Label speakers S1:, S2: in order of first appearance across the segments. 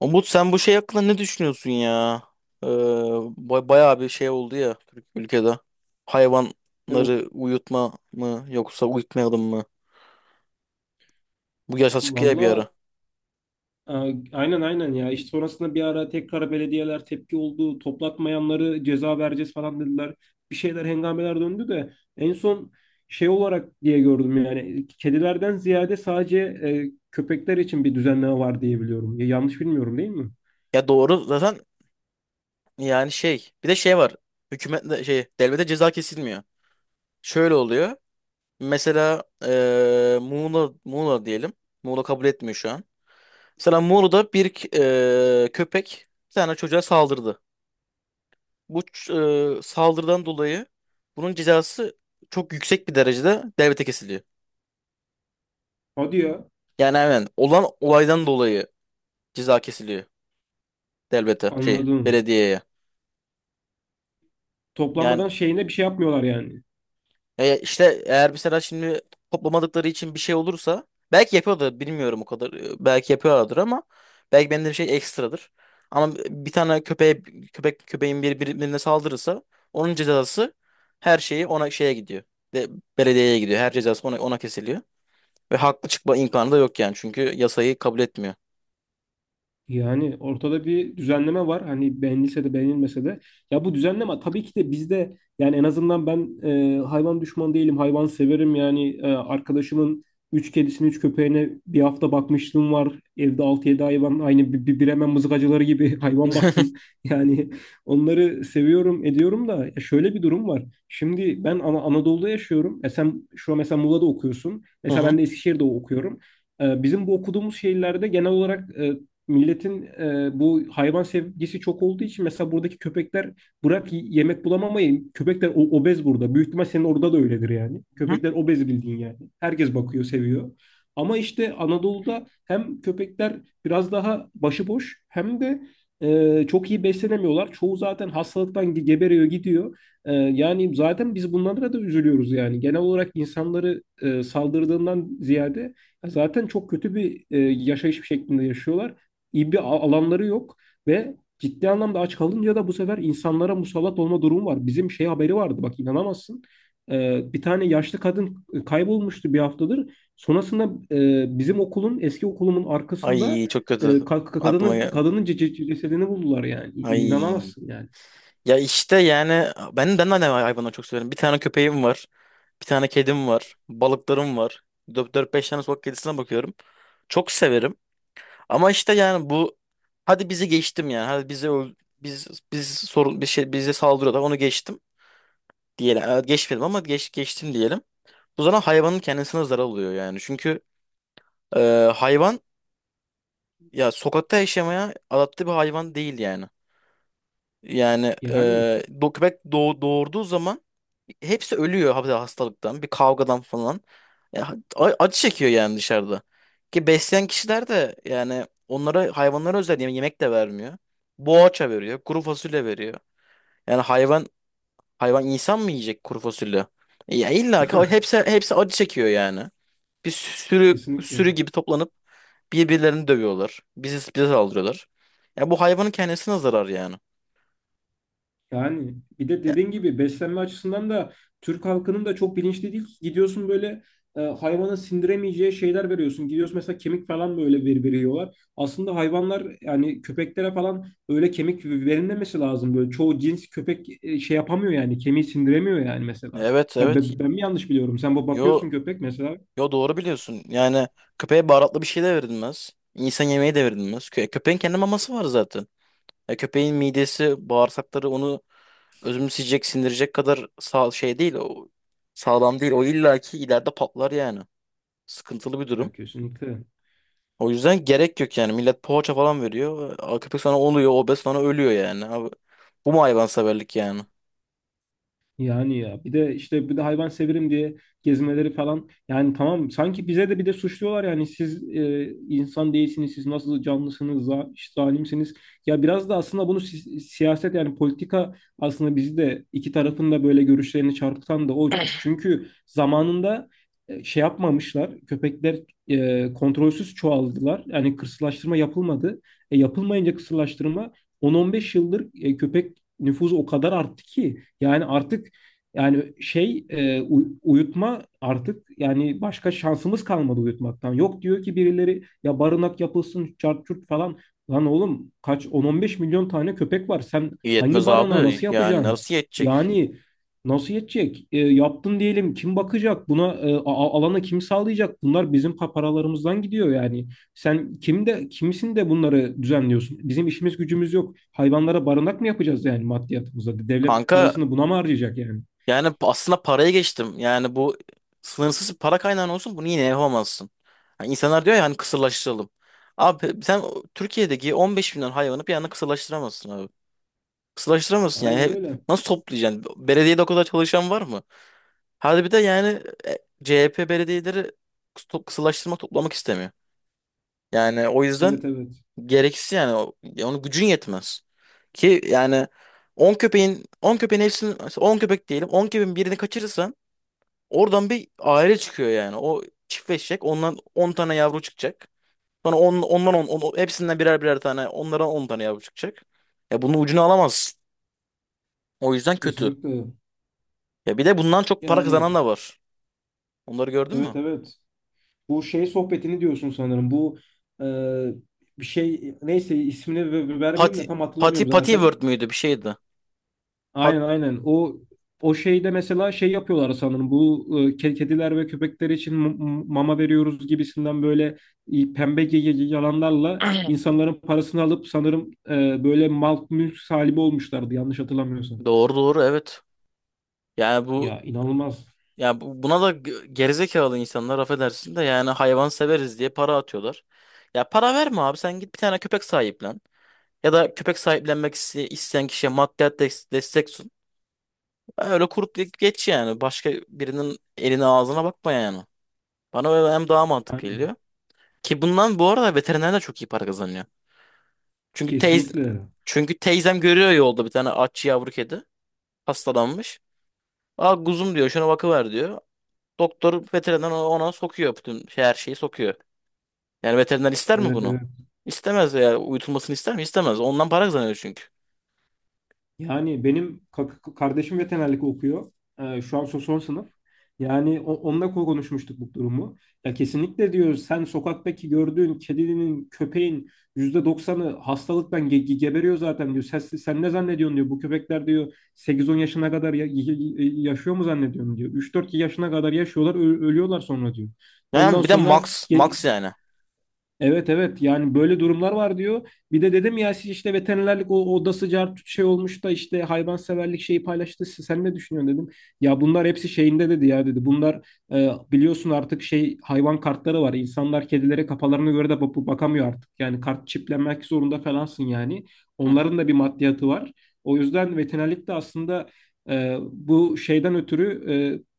S1: Umut, sen bu şey hakkında ne düşünüyorsun ya? Bayağı bir şey oldu ya Türk ülkede.
S2: Ne oldu?
S1: Hayvanları uyutma mı yoksa uyutmayalım mı? Bu yaşa çıkıyor bir
S2: Valla,
S1: ara.
S2: e, aynen aynen ya. İşte sonrasında bir ara tekrar belediyeler tepki oldu. Toplatmayanları ceza vereceğiz falan dediler. Bir şeyler hengameler döndü de en son şey olarak diye gördüm yani. Kedilerden ziyade sadece köpekler için bir düzenleme var diye biliyorum. Ya, yanlış bilmiyorum değil mi?
S1: Ya doğru zaten. Yani şey, bir de şey var. Hükümetle şey, devlete ceza kesilmiyor. Şöyle oluyor. Mesela Muğla diyelim. Muğla kabul etmiyor şu an. Mesela Muğla'da bir köpek bir tane çocuğa saldırdı. Bu saldırıdan dolayı bunun cezası çok yüksek bir derecede devlete kesiliyor.
S2: Hadi ya.
S1: Yani hemen olan olaydan dolayı ceza kesiliyor devlete, şey,
S2: Anladım.
S1: belediyeye. Yani
S2: Toplanmadan şeyine bir şey yapmıyorlar yani.
S1: İşte eğer mesela şimdi toplamadıkları için bir şey olursa belki yapıyordur, bilmiyorum o kadar. E, belki yapıyorlardır ama belki benim de bir şey ekstradır. Ama bir tane köpeğe, köpeğin bir birbirine saldırırsa onun cezası, her şeyi ona, şeye gidiyor. De, belediyeye gidiyor. Her cezası ona, ona kesiliyor. Ve haklı çıkma imkanı da yok yani. Çünkü yasayı kabul etmiyor.
S2: Yani ortada bir düzenleme var. Hani beğenilse de beğenilmese de. Ya bu düzenleme tabii ki de bizde, yani en azından ben hayvan düşmanı değilim. Hayvan severim. Yani arkadaşımın 3 kedisini 3 köpeğine bir hafta bakmışlığım var. Evde altı yedi hayvan aynı bir Bremen mızıkacıları gibi hayvan baktım. Yani onları seviyorum ediyorum da ya şöyle bir durum var. Şimdi ben Anadolu'da yaşıyorum. E sen şu an mesela Muğla'da okuyorsun.
S1: Hı
S2: Mesela
S1: hı.
S2: ben de Eskişehir'de okuyorum. Bizim bu okuduğumuz şehirlerde genel olarak milletin bu hayvan sevgisi çok olduğu için mesela buradaki köpekler bırak yemek bulamamayı, köpekler obez burada. Büyük ihtimal senin orada da öyledir yani.
S1: Hı?
S2: Köpekler obez bildiğin yani. Herkes bakıyor, seviyor. Ama işte Anadolu'da hem köpekler biraz daha başıboş hem de çok iyi beslenemiyorlar. Çoğu zaten hastalıktan geberiyor gidiyor. Yani zaten biz bunlara da üzülüyoruz yani. Genel olarak insanları saldırdığından ziyade zaten çok kötü bir yaşayış şeklinde yaşıyorlar, iyi bir alanları yok ve ciddi anlamda aç kalınca da bu sefer insanlara musallat olma durumu var. Bizim şey haberi vardı, bak inanamazsın. Bir tane yaşlı kadın kaybolmuştu bir haftadır. Sonrasında bizim okulun, eski okulumun arkasında
S1: Ay, çok
S2: e,
S1: kötü.
S2: ka- ka-
S1: Aklıma
S2: kadının
S1: gel-
S2: kadının cesedini buldular yani.
S1: Ay.
S2: İnanamazsın yani.
S1: Ya işte yani ben de hayvanları çok severim. Bir tane köpeğim var. Bir tane kedim var. Balıklarım var. Dört beş tane sokak kedisine bakıyorum. Çok severim. Ama işte yani bu, hadi bizi geçtim yani. Biz Biz sorun, bir şey bize saldırıyorlar. Onu geçtim diyelim. Evet, geçmedim ama geç geçtim diyelim. Bu zaman hayvanın kendisine zarar oluyor yani. Çünkü e, hayvan ya sokakta yaşamaya adapte bir hayvan değil yani. Yani
S2: Yani
S1: doğurduğu zaman hepsi ölüyor hastalıktan, bir kavgadan falan. Ya, acı çekiyor yani dışarıda. Ki besleyen kişiler de yani onlara, hayvanlara özel yemek de vermiyor. Boğaça veriyor, kuru fasulye veriyor. Yani hayvan insan mı yiyecek kuru fasulye? Ya illa ki hepsi acı çekiyor yani. Bir
S2: kesinlikle.
S1: sürü gibi toplanıp birbirlerini dövüyorlar. Bize saldırıyorlar. Ya bu hayvanın kendisine zarar yani.
S2: Yani bir de
S1: Ya,
S2: dediğin gibi beslenme açısından da Türk halkının da çok bilinçli değil. Gidiyorsun böyle hayvana sindiremeyeceği şeyler veriyorsun. Gidiyorsun mesela kemik falan böyle veriyorlar. Aslında hayvanlar yani köpeklere falan öyle kemik verilmemesi lazım. Böyle çoğu cins köpek şey yapamıyor yani kemiği sindiremiyor yani mesela.
S1: evet
S2: Ben,
S1: evet.
S2: ben, ben mi yanlış biliyorum? Sen bu
S1: Yo,
S2: bakıyorsun köpek mesela.
S1: yo, doğru biliyorsun. Yani köpeğe baharatlı bir şey de verilmez. İnsan yemeği de verilmez. Köpeğin kendi maması var zaten. Ya köpeğin midesi, bağırsakları onu özümseyecek, sindirecek kadar sağ şey değil. O sağlam değil. O illaki ileride patlar yani. Sıkıntılı bir
S2: Ya
S1: durum.
S2: kesinlikle.
S1: O yüzden gerek yok yani. Millet poğaça falan veriyor. Aa, köpek sonra oluyor obez, sonra ölüyor yani. Abi, bu mu hayvanseverlik yani?
S2: Yani ya bir de işte bir de hayvan severim diye gezmeleri falan yani tamam, sanki bize de bir de suçluyorlar yani siz insan değilsiniz, siz nasıl canlısınız, işte zalimsiniz. Ya biraz da aslında bunu siyaset, yani politika, aslında bizi de iki tarafın da böyle görüşlerini çarpıtan da o, çünkü zamanında şey yapmamışlar, köpekler kontrolsüz çoğaldılar, yani kısırlaştırma yapılmadı. Yapılmayınca kısırlaştırma, 10-15 yıldır köpek nüfusu o kadar arttı ki yani artık yani şey, uyutma artık yani başka şansımız kalmadı uyutmaktan. Yok, diyor ki birileri, ya barınak yapılsın çart çurt falan. Lan oğlum kaç 10-15 milyon tane köpek var. Sen
S1: İyi
S2: hangi barınağı
S1: abi.
S2: nasıl
S1: Yani
S2: yapacaksın?
S1: nasıl yetecek?
S2: Yani nasıl yetecek? Yaptın diyelim kim bakacak? Buna alanı kim sağlayacak? Bunlar bizim paralarımızdan gidiyor yani. Sen kim de kimsin de bunları düzenliyorsun? Bizim işimiz gücümüz yok. Hayvanlara barınak mı yapacağız yani maddiyatımıza? Devlet
S1: Kanka
S2: parasını buna mı harcayacak yani?
S1: yani aslında paraya geçtim. Yani bu, sınırsız bir para kaynağın olsun bunu yine yapamazsın. Yani insanlar diyor ya hani kısırlaştıralım. Abi sen Türkiye'deki 15 milyon hayvanı bir anda kısırlaştıramazsın abi. Kısırlaştıramazsın yani.
S2: Aynen
S1: He-
S2: öyle.
S1: Nasıl toplayacaksın? Belediyede o kadar çalışan var mı? Hadi bir de yani CHP belediyeleri kısırlaştırmak, toplamak istemiyor. Yani o yüzden
S2: Evet evet.
S1: gereksiz yani. Ya onun gücün yetmez. Ki yani 10 köpek diyelim, 10 köpeğin birini kaçırırsan oradan bir aile çıkıyor yani. O çiftleşecek. Ondan 10 tane yavru çıkacak. Sonra on, ondan on, on- hepsinden birer birer tane, onlara 10 tane yavru çıkacak. Ya bunun ucunu alamazsın. O yüzden kötü.
S2: Kesinlikle.
S1: Ya bir de bundan çok para kazanan
S2: Yani
S1: da var. Onları gördün
S2: evet
S1: mü?
S2: evet. Bu şey sohbetini diyorsun sanırım. Bu e, bir şey, neyse ismini vermeyeyim de
S1: Pati
S2: tam hatırlamıyorum zaten.
S1: Patiworld müydü, bir şeydi. Pat,
S2: Aynen aynen. O şeyde mesela şey yapıyorlar sanırım. Bu kediler ve köpekler için mama veriyoruz gibisinden böyle pembe yalanlarla insanların parasını alıp sanırım böyle mal mülk sahibi olmuşlardı, yanlış hatırlamıyorsam.
S1: doğru doğru, evet. Yani bu,
S2: Ya inanılmaz.
S1: ya buna da gerizekalı insanlar, affedersin, de yani hayvan severiz diye para atıyorlar. Ya para verme abi, sen git bir tane köpek sahiplen. Ya da köpek sahiplenmek isteyen kişiye maddiyat destek sun. Öyle kurup geç yani. Başka birinin eline ağzına bakma yani. Bana öyle hem daha mantıklı
S2: Yani
S1: geliyor. Ki bundan bu arada veteriner de çok iyi para kazanıyor. Çünkü teyz
S2: kesinlikle.
S1: Çünkü teyzem görüyor yolda bir tane aç yavru kedi hastalanmış. Aa kuzum diyor, şuna bakıver diyor. Doktor veteriner ona, ona sokuyor bütün şey, her şeyi sokuyor. Yani veteriner ister mi
S2: Evet
S1: bunu?
S2: evet.
S1: İstemez ya. Uyutulmasını ister mi? İstemez. Ondan para kazanıyor çünkü.
S2: Yani benim kardeşim veterinerlik okuyor. Şu an son sınıf. Yani onunla konuşmuştuk bu durumu. Ya kesinlikle, diyor, sen sokaktaki gördüğün kedinin, köpeğin %90'ı hastalıktan geberiyor zaten diyor. Sen ne zannediyorsun diyor. Bu köpekler diyor 8-10 yaşına kadar yaşıyor mu zannediyorsun diyor. 3-4 yaşına kadar yaşıyorlar, ölüyorlar sonra diyor. Ondan
S1: Yani bir de
S2: sonra.
S1: max yani.
S2: Evet evet yani böyle durumlar var diyor. Bir de dedim ya, siz işte veterinerlik o odası cart şey olmuş da işte hayvanseverlik şeyi paylaştı. Sen ne düşünüyorsun dedim. Ya bunlar hepsi şeyinde dedi ya dedi. Bunlar biliyorsun artık şey hayvan kartları var. İnsanlar kedilere kafalarına göre de bakamıyor artık. Yani kart çiplenmek zorunda falansın yani.
S1: Hı hı.
S2: Onların da bir maddiyatı var. O yüzden veterinerlik de aslında bu şeyden ötürü,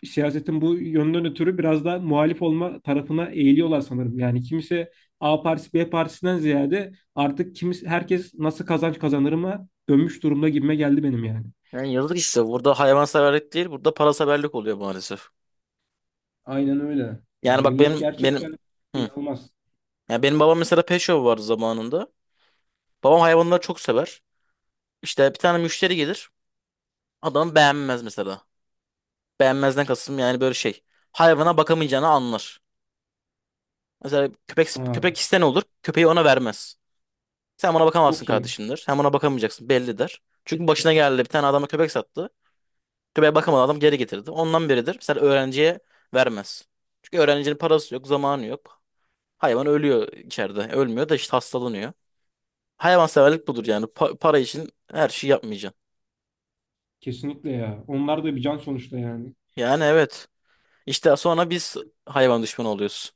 S2: siyasetin bu yönden ötürü biraz da muhalif olma tarafına eğiliyorlar sanırım. Yani kimse, A partisi B partisinden ziyade, artık herkes nasıl kazanç kazanır mı dönmüş durumda gibime geldi benim yani.
S1: Yani yazık işte. Burada hayvanseverlik değil, burada paraseverlik oluyor maalesef.
S2: Aynen öyle. Ya
S1: Yani bak
S2: millet gerçekten
S1: benim, hı.
S2: inanılmaz.
S1: Yani benim babam mesela, pet shop vardı zamanında. Babam hayvanları çok sever. İşte bir tane müşteri gelir. Adam beğenmez mesela. Beğenmezden kastım yani böyle şey, hayvana bakamayacağını anlar. Mesela köpek
S2: Ha,
S1: iste, ne olur? Köpeği ona vermez. Sen ona bakamazsın
S2: çok iyi.
S1: kardeşimdir. Sen ona bakamayacaksın belli der. Çünkü başına geldi, bir tane adama köpek sattı. Köpeğe bakamadı, adam geri getirdi. Ondan beridir mesela öğrenciye vermez. Çünkü öğrencinin parası yok, zamanı yok. Hayvan ölüyor içeride. Ölmüyor da işte hastalanıyor. Hayvanseverlik budur yani. Para için her şeyi yapmayacaksın.
S2: Kesinlikle ya. Onlar da bir can sonuçta yani.
S1: Yani evet. İşte sonra biz hayvan düşmanı oluyoruz.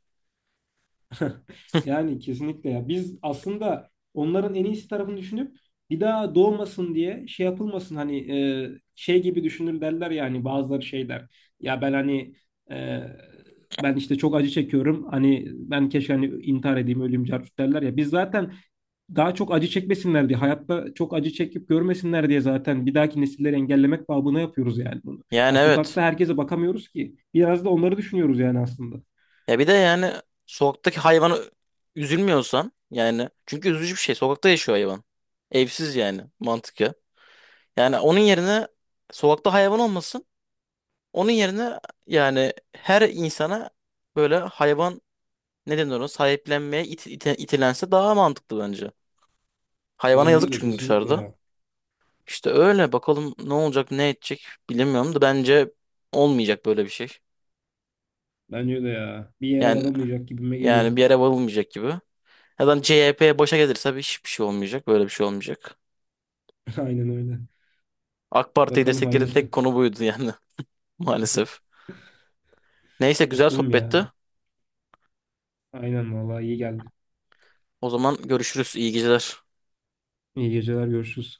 S2: Yani kesinlikle ya. Biz aslında onların en iyisi tarafını düşünüp bir daha doğmasın diye, şey yapılmasın, hani şey gibi düşünür derler yani bazıları şeyler. Ya ben hani e, ben işte çok acı çekiyorum, hani ben keşke hani intihar edeyim öleyim carcut derler ya. Biz zaten daha çok acı çekmesinler diye, hayatta çok acı çekip görmesinler diye zaten bir dahaki nesilleri engellemek babına yapıyoruz yani bunu.
S1: Yani
S2: Ya
S1: evet.
S2: sokakta herkese bakamıyoruz ki. Biraz da onları düşünüyoruz yani aslında.
S1: Ya bir de yani sokaktaki hayvana üzülmüyorsan yani, çünkü üzücü bir şey. Sokakta yaşıyor hayvan. Evsiz yani, mantık ya. Yani onun yerine sokakta hayvan olmasın. Onun yerine yani her insana böyle hayvan, ne denir, ona sahiplenmeye itilense daha mantıklı bence. Hayvana yazık
S2: Bence de
S1: çünkü
S2: kesinlikle
S1: dışarıda.
S2: ya.
S1: İşte öyle, bakalım ne olacak ne edecek, bilemiyorum da bence olmayacak böyle bir şey.
S2: Bence de ya. Bir yere
S1: Yani
S2: varılmayacak gibime geliyor.
S1: Yani bir yere varılmayacak gibi. Ya da CHP başa gelirse hiçbir şey olmayacak, böyle bir şey olmayacak.
S2: Aynen öyle.
S1: AK Parti'yi
S2: Bakalım
S1: desteklerin tek
S2: hayırlısı.
S1: konu buydu yani. Maalesef. Neyse, güzel
S2: Bakalım
S1: sohbetti.
S2: ya. Aynen vallahi iyi geldi.
S1: O zaman görüşürüz. İyi geceler.
S2: İyi geceler, görüşürüz.